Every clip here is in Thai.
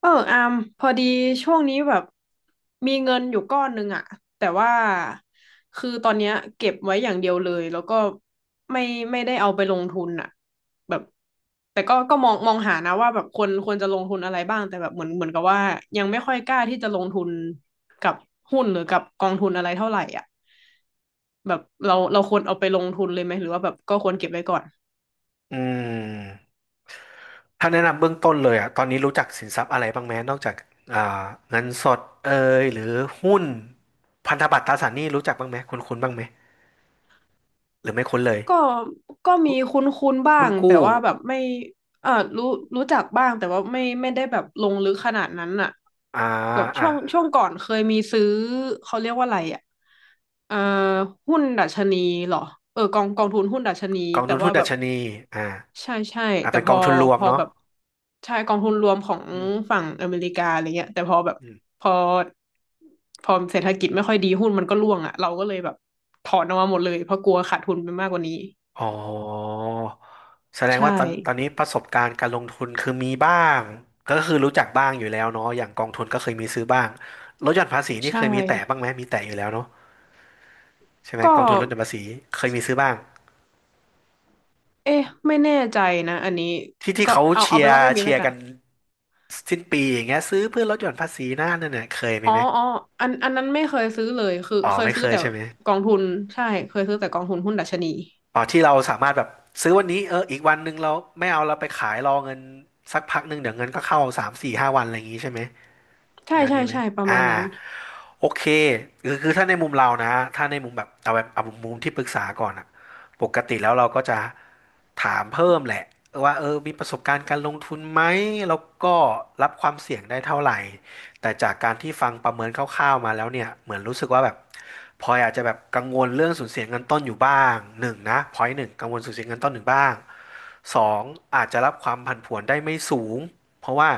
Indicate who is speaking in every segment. Speaker 1: อามพอดีช่วงนี้แบบมีเงินอยู่ก้อนหนึ่งอะแต่ว่าคือตอนเนี้ยเก็บไว้อย่างเดียวเลยแล้วก็ไม่ไม่ได้เอาไปลงทุนอะแบบแต่ก็มองหานะว่าแบบควรจะลงทุนอะไรบ้างแต่แบบเหมือนกับว่ายังไม่ค่อยกล้าที่จะลงทุนกับหุ้นหรือกับกองทุนอะไรเท่าไหร่อ่ะแบบเราควรเอาไปลงทุนเลยไหมหรือว่าแบบก็ควรเก็บไว้ก่อน
Speaker 2: อืมถ้าแนะนำเบื้องต้นเลยอ่ะตอนนี้รู้จักสินทรัพย์อะไรบ้างไหมนอกจากอ่าเงินสดเอยหรือหุ้นพันธบัตรตราสารหนี้รู้จักบ้างไหมคุ้นคุ้นบ้างไหมหรือไม่คุ้นเลย
Speaker 1: ก็ก็มีคุ้นๆบ้า
Speaker 2: หุ้น
Speaker 1: งแต่
Speaker 2: กู้
Speaker 1: ว่าแบบไม่เออรู้รู้จักบ้างแต่ว่าไม่ได้แบบลงลึกขนาดนั้นอะ
Speaker 2: อ่า
Speaker 1: แบบ
Speaker 2: อ่ะ
Speaker 1: ช่วงก่อนเคยมีซื้อเขาเรียกว่าอะไรอะเอ่อหุ้นดัชนีเหรอกองทุนหุ้นดัชนี
Speaker 2: กอง
Speaker 1: แต่
Speaker 2: ทุนหุ้
Speaker 1: ว่า
Speaker 2: นดั
Speaker 1: แบบ
Speaker 2: ชนีอ่า
Speaker 1: ใช่ใช่แต่
Speaker 2: เป็น
Speaker 1: พ
Speaker 2: กอ
Speaker 1: อ
Speaker 2: งทุนรว
Speaker 1: พ
Speaker 2: ม
Speaker 1: อ
Speaker 2: เนาะ
Speaker 1: แบบใช่กองทุนรวมของ
Speaker 2: อืม
Speaker 1: ฝั่งอเมริกาอะไรเงี้ยแต่พอแบบ
Speaker 2: อืม
Speaker 1: พอพอเศรษฐกิจไม่ค่อยดีหุ้นมันก็ร่วงอะเราก็เลยแบบถอนออกมาหมดเลยเพราะกลัวขาดทุนไปมากกว่านี้
Speaker 2: อ๋อแสดง
Speaker 1: ใช่
Speaker 2: ว่าตอนนี้ประสบการณ์การลงทุนคือมีบ้างก็คือรู้จักบ้างอยู่แล้วเนาะอย่างกองทุนก็เคยมีซื้อบ้างลดหย่อนภาษีนี่เค
Speaker 1: ใช่
Speaker 2: ยมีแตะบ้างไหมมีแตะอยู่แล้วเนาะ ใช่ไหม
Speaker 1: ก็
Speaker 2: กองทุนลดหย่อนภาษีเคยมีซื้อบ้าง
Speaker 1: เอ๊ะไม่แน่ใจนะอันนี้
Speaker 2: ที่
Speaker 1: ก็
Speaker 2: เขา
Speaker 1: เอา
Speaker 2: เชี
Speaker 1: เอา
Speaker 2: ย
Speaker 1: ไปน
Speaker 2: ร์
Speaker 1: ว่าไม่มี
Speaker 2: เชี
Speaker 1: แล้
Speaker 2: ย
Speaker 1: ว
Speaker 2: ร์
Speaker 1: กัน
Speaker 2: กันสิ้นปีอย่างเงี้ยซื้อเพื่อลดหย่อนภาษีนะนั่นน่ะเคยมี
Speaker 1: อ๋อ
Speaker 2: ไหม
Speaker 1: อ๋ออันนั้นไม่เคยซื้อเลยคือ
Speaker 2: อ๋อ
Speaker 1: เคย
Speaker 2: ไม่เค
Speaker 1: ซื้อ
Speaker 2: ย
Speaker 1: แต่
Speaker 2: ใช่ไหม
Speaker 1: กองทุนใช่เคยซื้อแต่กองทุนหุ้นดัชนี
Speaker 2: อ๋อที่เราสามารถแบบซื้อวันนี้เอออีกวันหนึ่งเราไม่เอาเราไปขายรอเงินสักพักหนึ่งเดี๋ยวเงินก็เข้าสามสี่ห้าวันอะไรอย่างงี้ใช่ไหม
Speaker 1: ใช่
Speaker 2: แนว
Speaker 1: ใช่
Speaker 2: นี้ไหม
Speaker 1: ใช่ประ
Speaker 2: อ่า
Speaker 1: มาณนั้น
Speaker 2: โอเคคือถ้าในมุมเรานะถ้าในมุมแบบเอาแบบเอามุมที่ปรึกษาก่อนอะปกติแล้วเราก็จะถามเพิ่มแหละว่าเออมีประสบการณ์การลงทุนไหมแล้วก็รับความเสี่ยงได้เท่าไหร่ แต่จากการที่ฟังประเมินคร่าวๆมาแล้วเนี่ยเหมือนรู้สึกว่าแบบพลอยอาจจะแบบกังวลเรื่องสูญเสียเงินต้นอยู่บ้างหนึ่งนะพอยหนึ่งกังวลสูญเสียเงินต้นหนึ่งบ้าง สองอาจจะรับความผันผวนได้ไม่สูงเพราะว่า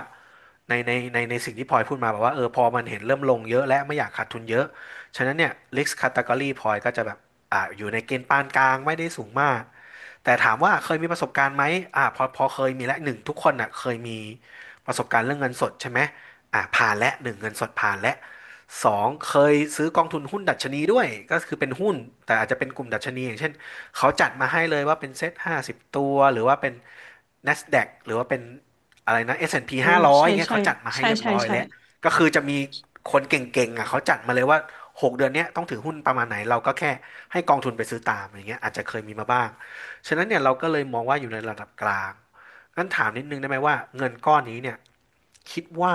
Speaker 2: ในสิ่งที่พลอยพูดมาแบบว่าเออพอมันเห็นเริ่มลงเยอะและไม่อยากขาดทุนเยอะฉะนั้นเนี่ย risk category พลอยก็จะแบบอยู่ในเกณฑ์ปานกลางไม่ได้สูงมากแต่ถามว่าเคยมีประสบการณ์ไหมอ่าพอเคยมีและหนึ่งทุกคนอ่ะเคยมีประสบการณ์เรื่องเงินสดใช่ไหมอ่าผ่านและหนึ่งเงินสดผ่านและสองเคยซื้อกองทุนหุ้นดัชนีด้วยก็คือเป็นหุ้นแต่อาจจะเป็นกลุ่มดัชนีอย่างเช่น เขาจัดมาให้เลยว่าเป็นเซ็ตห้าสิบตัวหรือว่าเป็น NASDAQ หรือว่าเป็นอะไรนะ S&P
Speaker 1: อ่า
Speaker 2: 500
Speaker 1: ใช่
Speaker 2: อนด์พีห้าร้อยอย่างเงี้ย
Speaker 1: ใช่
Speaker 2: เขาจัดมาให้
Speaker 1: ใช่
Speaker 2: เรียบ
Speaker 1: ใช่
Speaker 2: ร้อย
Speaker 1: ใช่
Speaker 2: แล้วก็คือจะมีคนเก่งๆอ่ะเขาจัดมาเลยว่า6 เดือนเนี้ยต้องถือหุ้นประมาณไหนเราก็แค่ให้กองทุนไปซื้อตามอย่างเงี้ยอาจจะเคยมีมาบ้างฉะนั้นเนี่ยเราก็เลยมองว่าอยู่ในระดับกลางงั้นถามนิดนึงได้ไหมว่าเงินก้อนนี้เนี่ยคิดว่า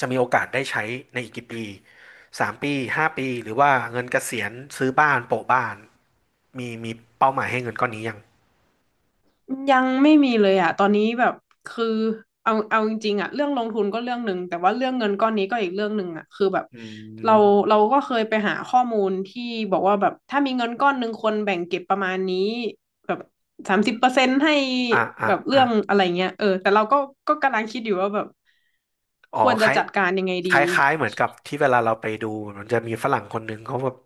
Speaker 2: จะมีโอกาสได้ใช้ในอีกกี่ปี3 ปี5 ปีหรือว่าเงินเกษียณซื้อบ้านโปะบ้าน มีเป้าหมายให้เงินก้อนนี้ยัง
Speaker 1: ยังไม่มีเลยอ่ะตอนนี้แบบคือเอาจริงๆอ่ะเรื่องลงทุนก็เรื่องหนึ่งแต่ว่าเรื่องเงินก้อนนี้ก็อีกเรื่องหนึ่งอ่ะคือแบบ
Speaker 2: อื
Speaker 1: เรา
Speaker 2: ม
Speaker 1: เราก็เคยไปหาข้อมูลที่บอกว่าแบบถ้ามีเงินก้อนหนึ่งคนแบ่งเก็บประมาณนี้แบบ30%ให้
Speaker 2: อ่ะอ่ะ
Speaker 1: แบบเรื่
Speaker 2: อ่ะ
Speaker 1: องอะไรเงี้ยเออแต่เราก็กำลังคิดอยู่ว่าแบบ
Speaker 2: อ๋อ
Speaker 1: ควร
Speaker 2: ค
Speaker 1: จะ
Speaker 2: ล้าย
Speaker 1: จัดการยังไง
Speaker 2: ค
Speaker 1: ดี
Speaker 2: ล้ายคล้ายเหมือนกับที่เวลาเราไปดูมันจะมีฝรั่งคนหนึ่งเขาแบบ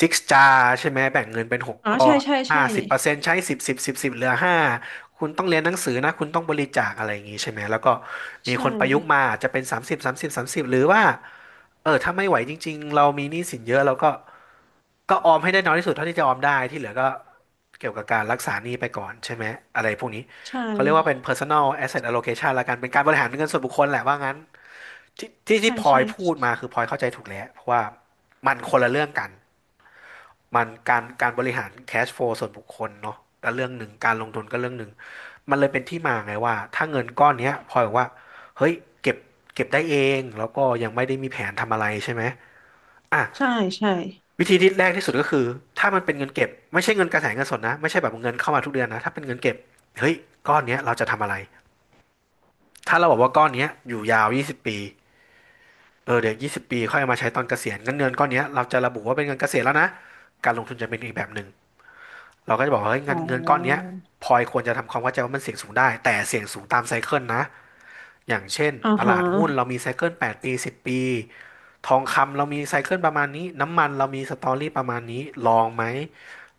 Speaker 2: ซิกจาใช่ไหมแบ่งเงินเป็นหก
Speaker 1: อ๋อ
Speaker 2: ก้อ
Speaker 1: ใช่
Speaker 2: น
Speaker 1: ใช่
Speaker 2: ห้า
Speaker 1: ใช่
Speaker 2: สิบเปอร์เซ็นต์ใช้สิบสิบสิบสิบเหลือห้าคุณต้องเรียนหนังสือนะคุณต้องบริจาคอะไรอย่างนี้ใช่ไหมแล้วก็มี
Speaker 1: ใช่
Speaker 2: คนประยุกต์มาอาจจะเป็นสามสิบสามสิบสามสิบหรือว่าเออถ้าไม่ไหวจริงๆเรามีหนี้สินเยอะเราก็ออมให้ได้น้อยที่สุดเท่าที่จะออมได้ที่เหลือก็เกี่ยวกับการรักษาหนี้ไปก่อนใช่ไหมอะไรพวกนี้
Speaker 1: ใช่
Speaker 2: เขาเรียกว่าเป็น personal asset allocation ละกันเป็นการบริหารเงินส่วนบุคคลแหละว่างั้นที่
Speaker 1: ใช่
Speaker 2: พลอ
Speaker 1: ใช่
Speaker 2: ยพูดมาคือพลอยเข้าใจถูกแล้ว เพราะว่ามันคนละเรื่องกัน มันการบริหาร cash flow ส่วนบุคคลเนาะก็เรื่องหนึ่งการลงทุนก็เรื่องหนึ่ง มันเลยเป็นที่มาไงว่าถ้าเงินก้อนเนี้ยพลอยบอกว่าเฮ้ยเก็บเก็บได้เอง แล้วก็ยังไม่ได้มีแผนทำอะไรใช่ไหมอ่ะ
Speaker 1: ใช่ใช่ใช่
Speaker 2: วิธีที่แรกที่สุดก็คือถ้ามันเป็นเงินเก็บไม่ใช่เงินกระแสเงินสดนะไม่ใช่แบบเงินเข้ามาทุกเดือนนะถ้าเป็นเงินเก็บเฮ้ยก้อนเนี้ยเราจะทำอะไร ถ้าเราบอกว่าก้อนเนี้ยอยู่ยาว 20 ปี เออเดี๋ยว 20 ปี ค่อยเอามาใช้ตอนเกษียณงั้นเงินก้อนเนี้ยเราจะระบุว่าเป็นเงินเกษียณแล้วนะ การลงทุนจะเป็นอีกแบบหนึ่งเราก็จะบอกว่าเฮ้ย
Speaker 1: อ๋
Speaker 2: เงินก้อนเนี้ย
Speaker 1: อ
Speaker 2: พลอยควรจะทำความเข้าใจว่ามันเสี่ยงสูงได้ แต่เสี่ยงสูงตามไซเคิลนะ อย่างเช่น
Speaker 1: อ่า
Speaker 2: ต
Speaker 1: ฮะ
Speaker 2: ลาดหุ้นเรามีไซเคิล8ปดปี10ปี ทองคำเรามีไซเคิลประมาณนี้ น้ำมันเรามีสตอรี่ประมาณนี้ลองไหม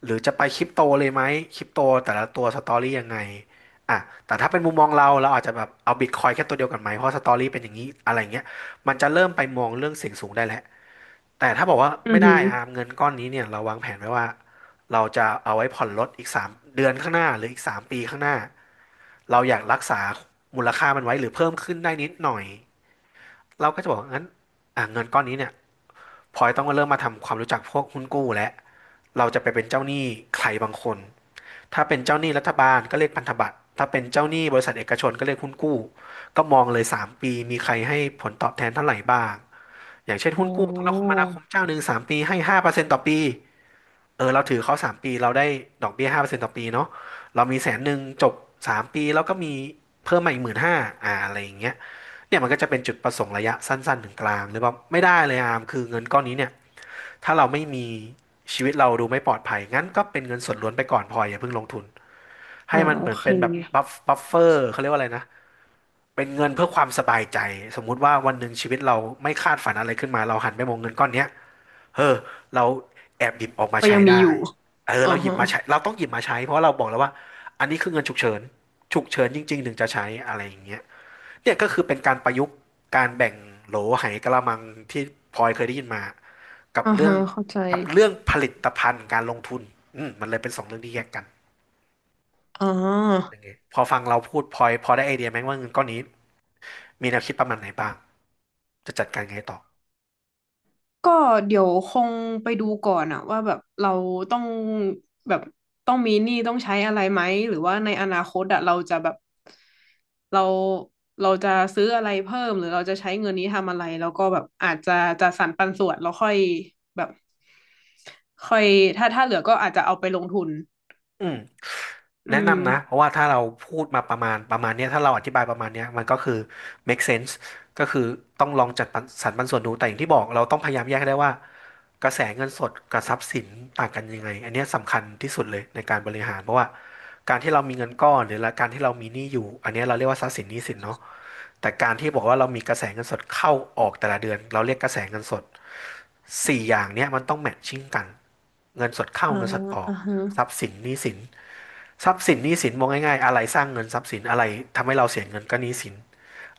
Speaker 2: หรือจะไปคริปโตเลยไหมคริปโตแต่ละตัวสตอรี่ยังไงอ่ะแต่ถ้าเป็นมุมมองเราเราอาจจะแบบเอาบิตคอยแค่ตัวเดียวกันไหมเพราะสตอรี่เป็นอย่างนี้อะไรเงี้ยมันจะเริ่มไปมองเรื่องเสี่ยงสูงได้แล้วแต่ถ้าบอกว่า
Speaker 1: อื
Speaker 2: ไม่
Speaker 1: อหื
Speaker 2: ได้
Speaker 1: อ
Speaker 2: อาร์มเงินก้อนนี้เนี่ยเราวางแผนไว้ว่าเราจะเอาไว้ผ่อนรถอีกสามเดือนข้างหน้าหรืออีก3ปีข้างหน้า เราอยากรักษามูลค่ามันไว้หรือเพิ่มขึ้นได้นิดหน่อยเราก็จะบอกงั้นอ่ะเงินก้อนนี้เนี่ยพลอยต้องเริ่มมาทำความรู้จักพวกหุ้นกู้แล้วเราจะไปเป็นเจ้าหนี้ใครบางคนถ้าเป็นเจ้าหนี้รัฐบาลก็เรียกพันธบัตรถ้าเป็นเจ้าหนี้บริษัทเอกชนก็เรียกหุ้นกู้ก็มองเลยสามปีมีใครให้ผลตอบแทนเท่าไหร่บ้างอย่างเช่น
Speaker 1: อ๋อ
Speaker 2: หุ้นกู้โทรคมนาคมเจ้าหนึ่งสามปีให้ห้าเปอร์เซ็นตต่อปี เออเราถือเขาสามปีเราได้ดอกเบี้ยห้าเปอร์เซ็นต์ต่อปีเนาะเรามีแสนหนึ่งจบสามปีแล้วก็มีเพิ่มมาอีกหมื่นห้าอ่าอะไรอย่างเงี้ยเนี่ยมันก็จะเป็นจุดประสงค์ระยะสั้นๆถึงกลางหรือว่าไม่ได้เลยอามคือเงินก้อนนี้เนี่ยถ้าเราไม่มีชีวิตเราดูไม่ปลอดภัยงั้นก็เป็นเงินส่วนล้วนไปก่อนพออย่าเพิ่งลงทุน
Speaker 1: อ๋อ
Speaker 2: ให้มัน
Speaker 1: โอ
Speaker 2: เหมือน
Speaker 1: เค
Speaker 2: เป็นแบบบัฟเฟอร์เขาเรียกว่าอะไรนะเป็นเงินเพื่อความสบายใจสมมุติว่าวันหนึ่งชีวิตเราไม่คาดฝันอะไรขึ้นมาเราหันไปมองเงินก้อนเนี้ย เออเราแอบหยิบออกมา
Speaker 1: ก็ยั
Speaker 2: ใช้
Speaker 1: งมีอ
Speaker 2: ได้
Speaker 1: ยู่
Speaker 2: เออ
Speaker 1: อ่า
Speaker 2: เราหยิบ
Speaker 1: ฮะ
Speaker 2: มาใช้เราต้องหยิบมาใช้เพราะเราบอกแล้วว่าอันนี้คือเงินฉุกเฉินฉุกเฉินจริงๆถึงจะใช้อะไรอย่างเงี้ยเนี่ยก็คือเป็นการประยุกต์การแบ่งโหลไหกะละมังที่พลอยเคยได้ยินมากับ
Speaker 1: อ่า
Speaker 2: เรื่อ
Speaker 1: ฮะ
Speaker 2: ง
Speaker 1: เข้าใจ
Speaker 2: กับเรื่องผลิตภัณฑ์การลงทุนอืมมันเลยเป็นสองเรื่องที่แยกกัน
Speaker 1: อ่
Speaker 2: อ
Speaker 1: า
Speaker 2: ย่างเงี้ยพอฟังเราพูดพลอยพอได้ไอเดียไหมว่าเงินก้อนนี้มีแนวคิดประมาณไหนบ้างจะจัดการไงต่อ
Speaker 1: ก็เดี๋ยวคงไปดูก่อนอะว่าแบบเราต้องแบบต้องมีหนี้ต้องใช้อะไรไหมหรือว่าในอนาคตอะเราจะแบบเราเราจะซื้ออะไรเพิ่มหรือเราจะใช้เงินนี้ทำอะไรแล้วก็แบบอาจจะจะสรรปันส่วนแล้วแบบค่อยถ้าเหลือก็อาจจะเอาไปลงทุน
Speaker 2: อืม
Speaker 1: อื
Speaker 2: แนะ
Speaker 1: ม
Speaker 2: นำนะเพราะว่าถ้าเราพูดมาประมาณเนี้ยถ้าเราอธิบายประมาณเนี้ยมันก็คือ make sense ก็คือต้องลองจัดปันสรรปันส่วนดูแต่อย่างที่บอกเราต้องพยายามแยกให้ได้ว่ากระแสเงินสดกับทรัพย์สินต่างกันยังไงอันเนี้ยสำคัญที่สุดเลยในการบริหารเพราะว่าการที่เรามีเงินก้อนหรือละการที่เรามีหนี้อยู่อันเนี้ยเราเรียกว่าทรัพย์สินหนี้สินเนาะแต่การที่บอกว่าเรามีกระแสเงินสดเข้าออกแต่ละเดือนเราเรียกกระแสเงินสดสี่อย่างเนี้ยมันต้องแมทชิ่งกันเงินสดเข้า
Speaker 1: อ่า
Speaker 2: เงินสดออก
Speaker 1: อ่าฮะ
Speaker 2: ทรัพย์สินหนี้สิน ทรัพย์สินหนี้สินมองง่ายๆอะไรสร้างเงินทรัพย์สินอะไรทำให้เราเสียเงินก็หนี้สิน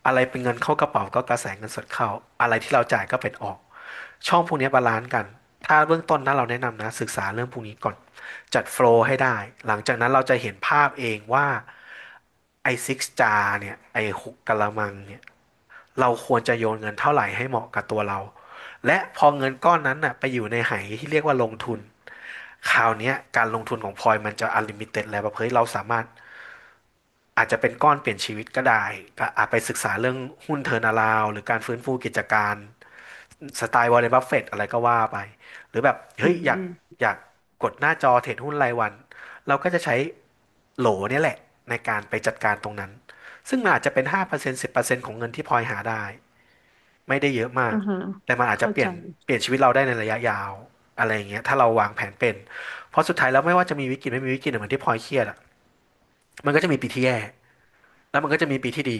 Speaker 2: อะไรเป็นเงินเข้ากระเป๋าก็กระแสเงินสดเข้าอะไรที่เราจ่ายก็เป็นออกช่องพวกนี้บาลานซ์กันถ้าเบื้องต้นนะเราแนะนำนะศึกษาเรื่องพวกนี้ก่อนจัดโฟลว์ให้ได้หลังจากนั้นเราจะเห็นภาพเองว่าไอ้ซิกจาร์เนี่ยไอ้หกกะละมังเนี่ยเราควรจะโยนเงินเท่าไหร่ให้เหมาะกับตัวเราและพอเงินก้อนนั้นน่ะไปอยู่ในไหที่เรียกว่าลงทุนคราวนี้การลงทุนของพลอยมันจะ u ลิมิ i e แล้วแบบเฮเราสามารถ อาจจะเป็นก้อนเปลี่ยนชีวิตก็ได้ก็อาจไปศึกษาเรื่องหุ้นเทอร์นาลาวหรือการฟื้นฟูกิจการสไตล์วอร์เรนบัฟเฟตอะไรก็ว่าไป หรือแบบ
Speaker 1: อื
Speaker 2: เฮ้ย
Speaker 1: ม
Speaker 2: อยา
Speaker 1: อื
Speaker 2: ก
Speaker 1: ม
Speaker 2: อยากกดหน้าจอเทรดหุ้นรายวันเราก็จะใช้โหลเนี่ยแหละในการไปจัดการตรงนั้น ซึ่งมันอาจจะเป็น5% 10%ของเงินที่พลอยหาได้ไม่ได้เยอะมา
Speaker 1: อ่า
Speaker 2: ก
Speaker 1: ฮะ
Speaker 2: แต่มันอาจจะ
Speaker 1: เข้า
Speaker 2: เปลี่
Speaker 1: ใจ
Speaker 2: ยนเปลี่ยนชีวิตเราได้ในระยะยาวอะไรอย่างเงี้ยถ้าเราวางแผนเป็นเพราะสุดท้ายแล้วไม่ว่าจะมีวิกฤตไม่มีวิกฤตเนี่ยเหมือนที่พลอยเครียดอะมันก็จะมีปีที่แย่แล้วมันก็จะมีปีที่ดี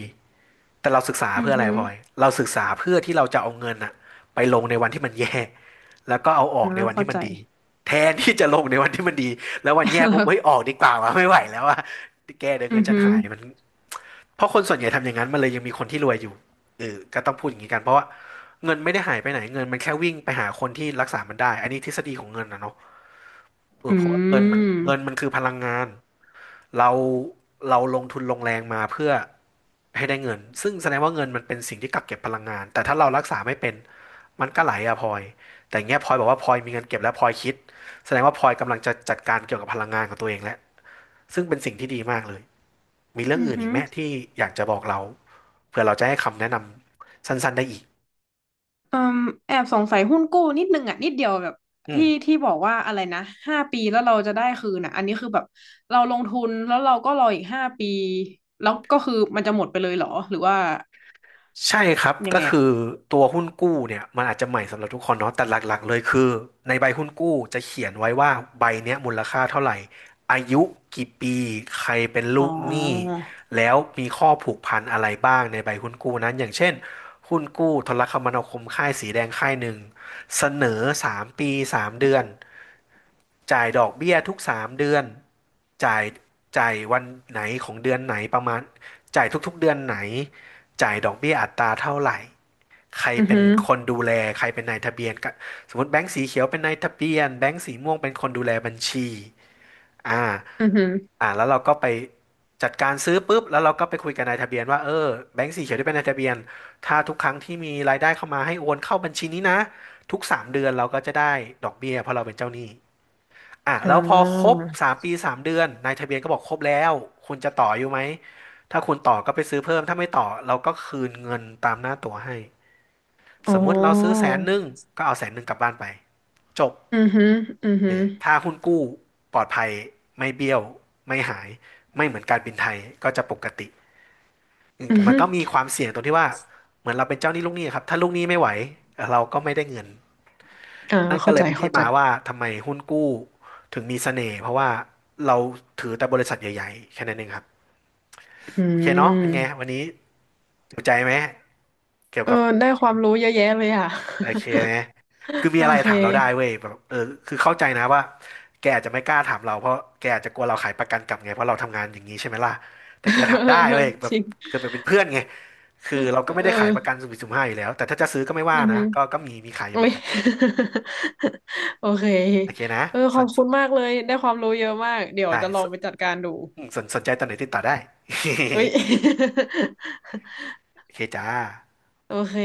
Speaker 2: แต่เราศึกษา
Speaker 1: อื
Speaker 2: เพื่
Speaker 1: อ
Speaker 2: ออะไร
Speaker 1: ฮึ
Speaker 2: พลอยเราศึกษาเพื่อที่เราจะเอาเงินอะไปลงในวันที่มันแย่แล้วก็เอาออ
Speaker 1: อ่า
Speaker 2: กในวัน
Speaker 1: เข้า
Speaker 2: ที่มั
Speaker 1: ใจ
Speaker 2: นดีแทนที่จะลงในวันที่มันดีแล้ววัน แย่ปุ๊บ
Speaker 1: แล้ว
Speaker 2: เฮ้ยออกดีกว่าวะไม่ไหวแล้วอะแกเดี๋ยว
Speaker 1: อื
Speaker 2: เงิน
Speaker 1: อ
Speaker 2: ฉัน
Speaker 1: ฮึ
Speaker 2: หายมันเพราะคนส่วนใหญ่ทำอย่างนั้นมันเลยยังมีคนที่รวยอยู่เออก็ต้องพูดอย่างนี้กันเพราะว่าเงินไม่ได้หายไปไหนเงินมันแค่วิ่งไปหาคนที่รักษามันได้อันนี้ทฤษฎีของเงินนะเนาะเอ
Speaker 1: อื
Speaker 2: อเพราะว่าเงินมัน
Speaker 1: ม
Speaker 2: เงินมันคือพลังงาน เราเราลงทุนลงแรงมาเพื่อให้ได้เงินซึ่งแสดงว่าเงินมันเป็นสิ่งที่กักเก็บพลังงานแต่ถ้าเรารักษาไม่เป็นมันก็ไหลอะพลอยแต่อย่างเงี้ยพลอยบอกว่าพลอยมีเงินเก็บแล้วพลอยคิดแสดงว่าพลอยกำลังจะจัดการเกี่ยวกับพลังงานของตัวเองแล้วซึ่งเป็นสิ่งที่ดีมากเลยมีเรื่อง
Speaker 1: อือ
Speaker 2: อื่น
Speaker 1: ฮึ
Speaker 2: อีกไหมที่อยากจะบอกเราเพื่อเราจะให้คำแนะนำสั้นๆได้อีก
Speaker 1: อืมแอบสงสัยหุ้นกู้นิดนึงอ่ะนิดเดียวแบบ
Speaker 2: อืม
Speaker 1: ที่ที่บอกว่าอะไรนะห้าปีแล้วเราจะได้คืนอ่ะอันนี้คือแบบเราลงทุนแล้วเราก็รออีกห้าปีแล้วก็คือมันจะหมดไปเลยเหรอหรือว่า
Speaker 2: ใช่ครับ
Speaker 1: ยัง
Speaker 2: ก็
Speaker 1: ไง
Speaker 2: คื
Speaker 1: อ่ะ
Speaker 2: อตัวหุ้นกู้เนี่ยมันอาจจะใหม่สำหรับทุกคนเนาะแต่หลักๆเลยคือในใบหุ้นกู้จะเขียนไว้ว่าใบเนี้ยมูลค่าเท่าไหร่อายุกี่ปีใครเป็น
Speaker 1: อ๋
Speaker 2: ลูกหนี้
Speaker 1: อ
Speaker 2: แล้วมีข้อผูกพันอะไรบ้างในใบหุ้นกู้นั้นอย่างเช่นหุ้นกู้โทรคมนาคมค่ายสีแดงค่ายหนึ่งเสนอ3ปี3เดือน จ่ายดอกเบี้ยทุก3เดือนจ่ายจ่ายวันไหนของเดือนไหนประมาณจ่ายทุกๆเดือนไหน จ่ายดอกเบี้ยอัตราเท่าไหร่ ใคร
Speaker 1: อือ
Speaker 2: เป็น
Speaker 1: ฮึ
Speaker 2: คนดูแลใครเป็นนายทะเบียนก็สมมติแบงก์สีเขียวเป็นนายทะเบียนแบงก์สีม่วงเป็นคนดูแลบัญชีอ่า
Speaker 1: อือฮึ
Speaker 2: แล้วเราก็ไปจัดการซื้อปุ๊บแล้วเราก็ไปคุยกับนายทะเบียนว่าเออแบงก์สีเขียวที่เป็นนายทะเบียนถ้าทุกครั้งที่มีรายได้เข้ามาให้โอนเข้าบัญชีนี้นะทุกสามเดือนเราก็จะได้ดอกเบี้ยเพราะเราเป็นเจ้าหนี้ อ่ะ
Speaker 1: อ่
Speaker 2: แล้วพอครบ
Speaker 1: า
Speaker 2: 3ปีสามเดือนนายทะเบียนก็บอกครบแล้วคุณจะต่ออยู่ไหมถ้าคุณต่อก็ไปซื้อเพิ่มถ้าไม่ต่อเราก็คืนเงินตามหน้าตั๋วให้
Speaker 1: อ๋
Speaker 2: ส
Speaker 1: อ
Speaker 2: มมุติเราซื้อแสนหนึ่งก็เอาแสนหนึ่งกลับบ้านไปจบ
Speaker 1: อือฮึอือฮึ
Speaker 2: เออถ้าหุ้นกู้ปลอดภัยไม่เบี้ยวไม่หายไม่เหมือนการบินไทยก็จะปกติอืม
Speaker 1: อื
Speaker 2: แต่
Speaker 1: อ
Speaker 2: มัน
Speaker 1: ฮึ
Speaker 2: ก็มีความเสี่ยงตรงที่ว่าเหมือนเราเป็นเจ้าหนี้ลูกหนี้ครับถ้าลูกหนี้ไม่ไหวเราก็ไม่ได้เงิน
Speaker 1: อ่า
Speaker 2: นั่นก็
Speaker 1: เข้า
Speaker 2: เล
Speaker 1: ใจ
Speaker 2: ยเป็น
Speaker 1: เข้า
Speaker 2: ที่
Speaker 1: ใจ
Speaker 2: มาว่าทำไมหุ้นกู้ถึงมีเสน่ห์เพราะว่าเราถือแต่บริษัทใหญ่ๆแค่นั้นเองครับ
Speaker 1: อื
Speaker 2: โอเคเนาะเป็นไง
Speaker 1: ม
Speaker 2: วันนี้จุใจไหมเกี่ยว
Speaker 1: เออ
Speaker 2: กับ
Speaker 1: ได้ความรู้เยอะแยะเลยอ่ะ
Speaker 2: โอเคไหมคือ มี
Speaker 1: โอ
Speaker 2: อะไร
Speaker 1: เค
Speaker 2: ถามเราได้เว้ยแบบเออคือเข้าใจนะว่าแกอาจจะไม่กล้าถามเราเพราะแกอาจจะกลัวเราขายประกันกลับไงเพราะเราทำงานอย่างนี้ใช่ไหมล่ะ แต่
Speaker 1: เอ
Speaker 2: แกถามได้
Speaker 1: อ
Speaker 2: เว้ยแบ
Speaker 1: จ
Speaker 2: บ
Speaker 1: ริง
Speaker 2: คือเป็นเพื่อนไงคือเราก็ไม่
Speaker 1: เอ
Speaker 2: ได้ขายประกัน
Speaker 1: อ
Speaker 2: สุ่มสี่สุ่มห้าอยู่แล้วแต่ถ้าจะซื้อก็ไม่
Speaker 1: อื
Speaker 2: ว่า
Speaker 1: อ
Speaker 2: นะ
Speaker 1: หือ
Speaker 2: ก็มีขายอยู่
Speaker 1: อุ๊
Speaker 2: เหมือ
Speaker 1: ย
Speaker 2: นกัน
Speaker 1: โอเค
Speaker 2: โอเคนะ
Speaker 1: เออข
Speaker 2: ส
Speaker 1: อ
Speaker 2: น
Speaker 1: บคุณมากเลยได้ความรู้เยอะมากเดี๋ยว
Speaker 2: ได้
Speaker 1: จะลองไปจัดการดู
Speaker 2: อืมสนใจตอนไหนติดต่อได้
Speaker 1: เอ้ย
Speaker 2: โอเคจ้า
Speaker 1: โอเค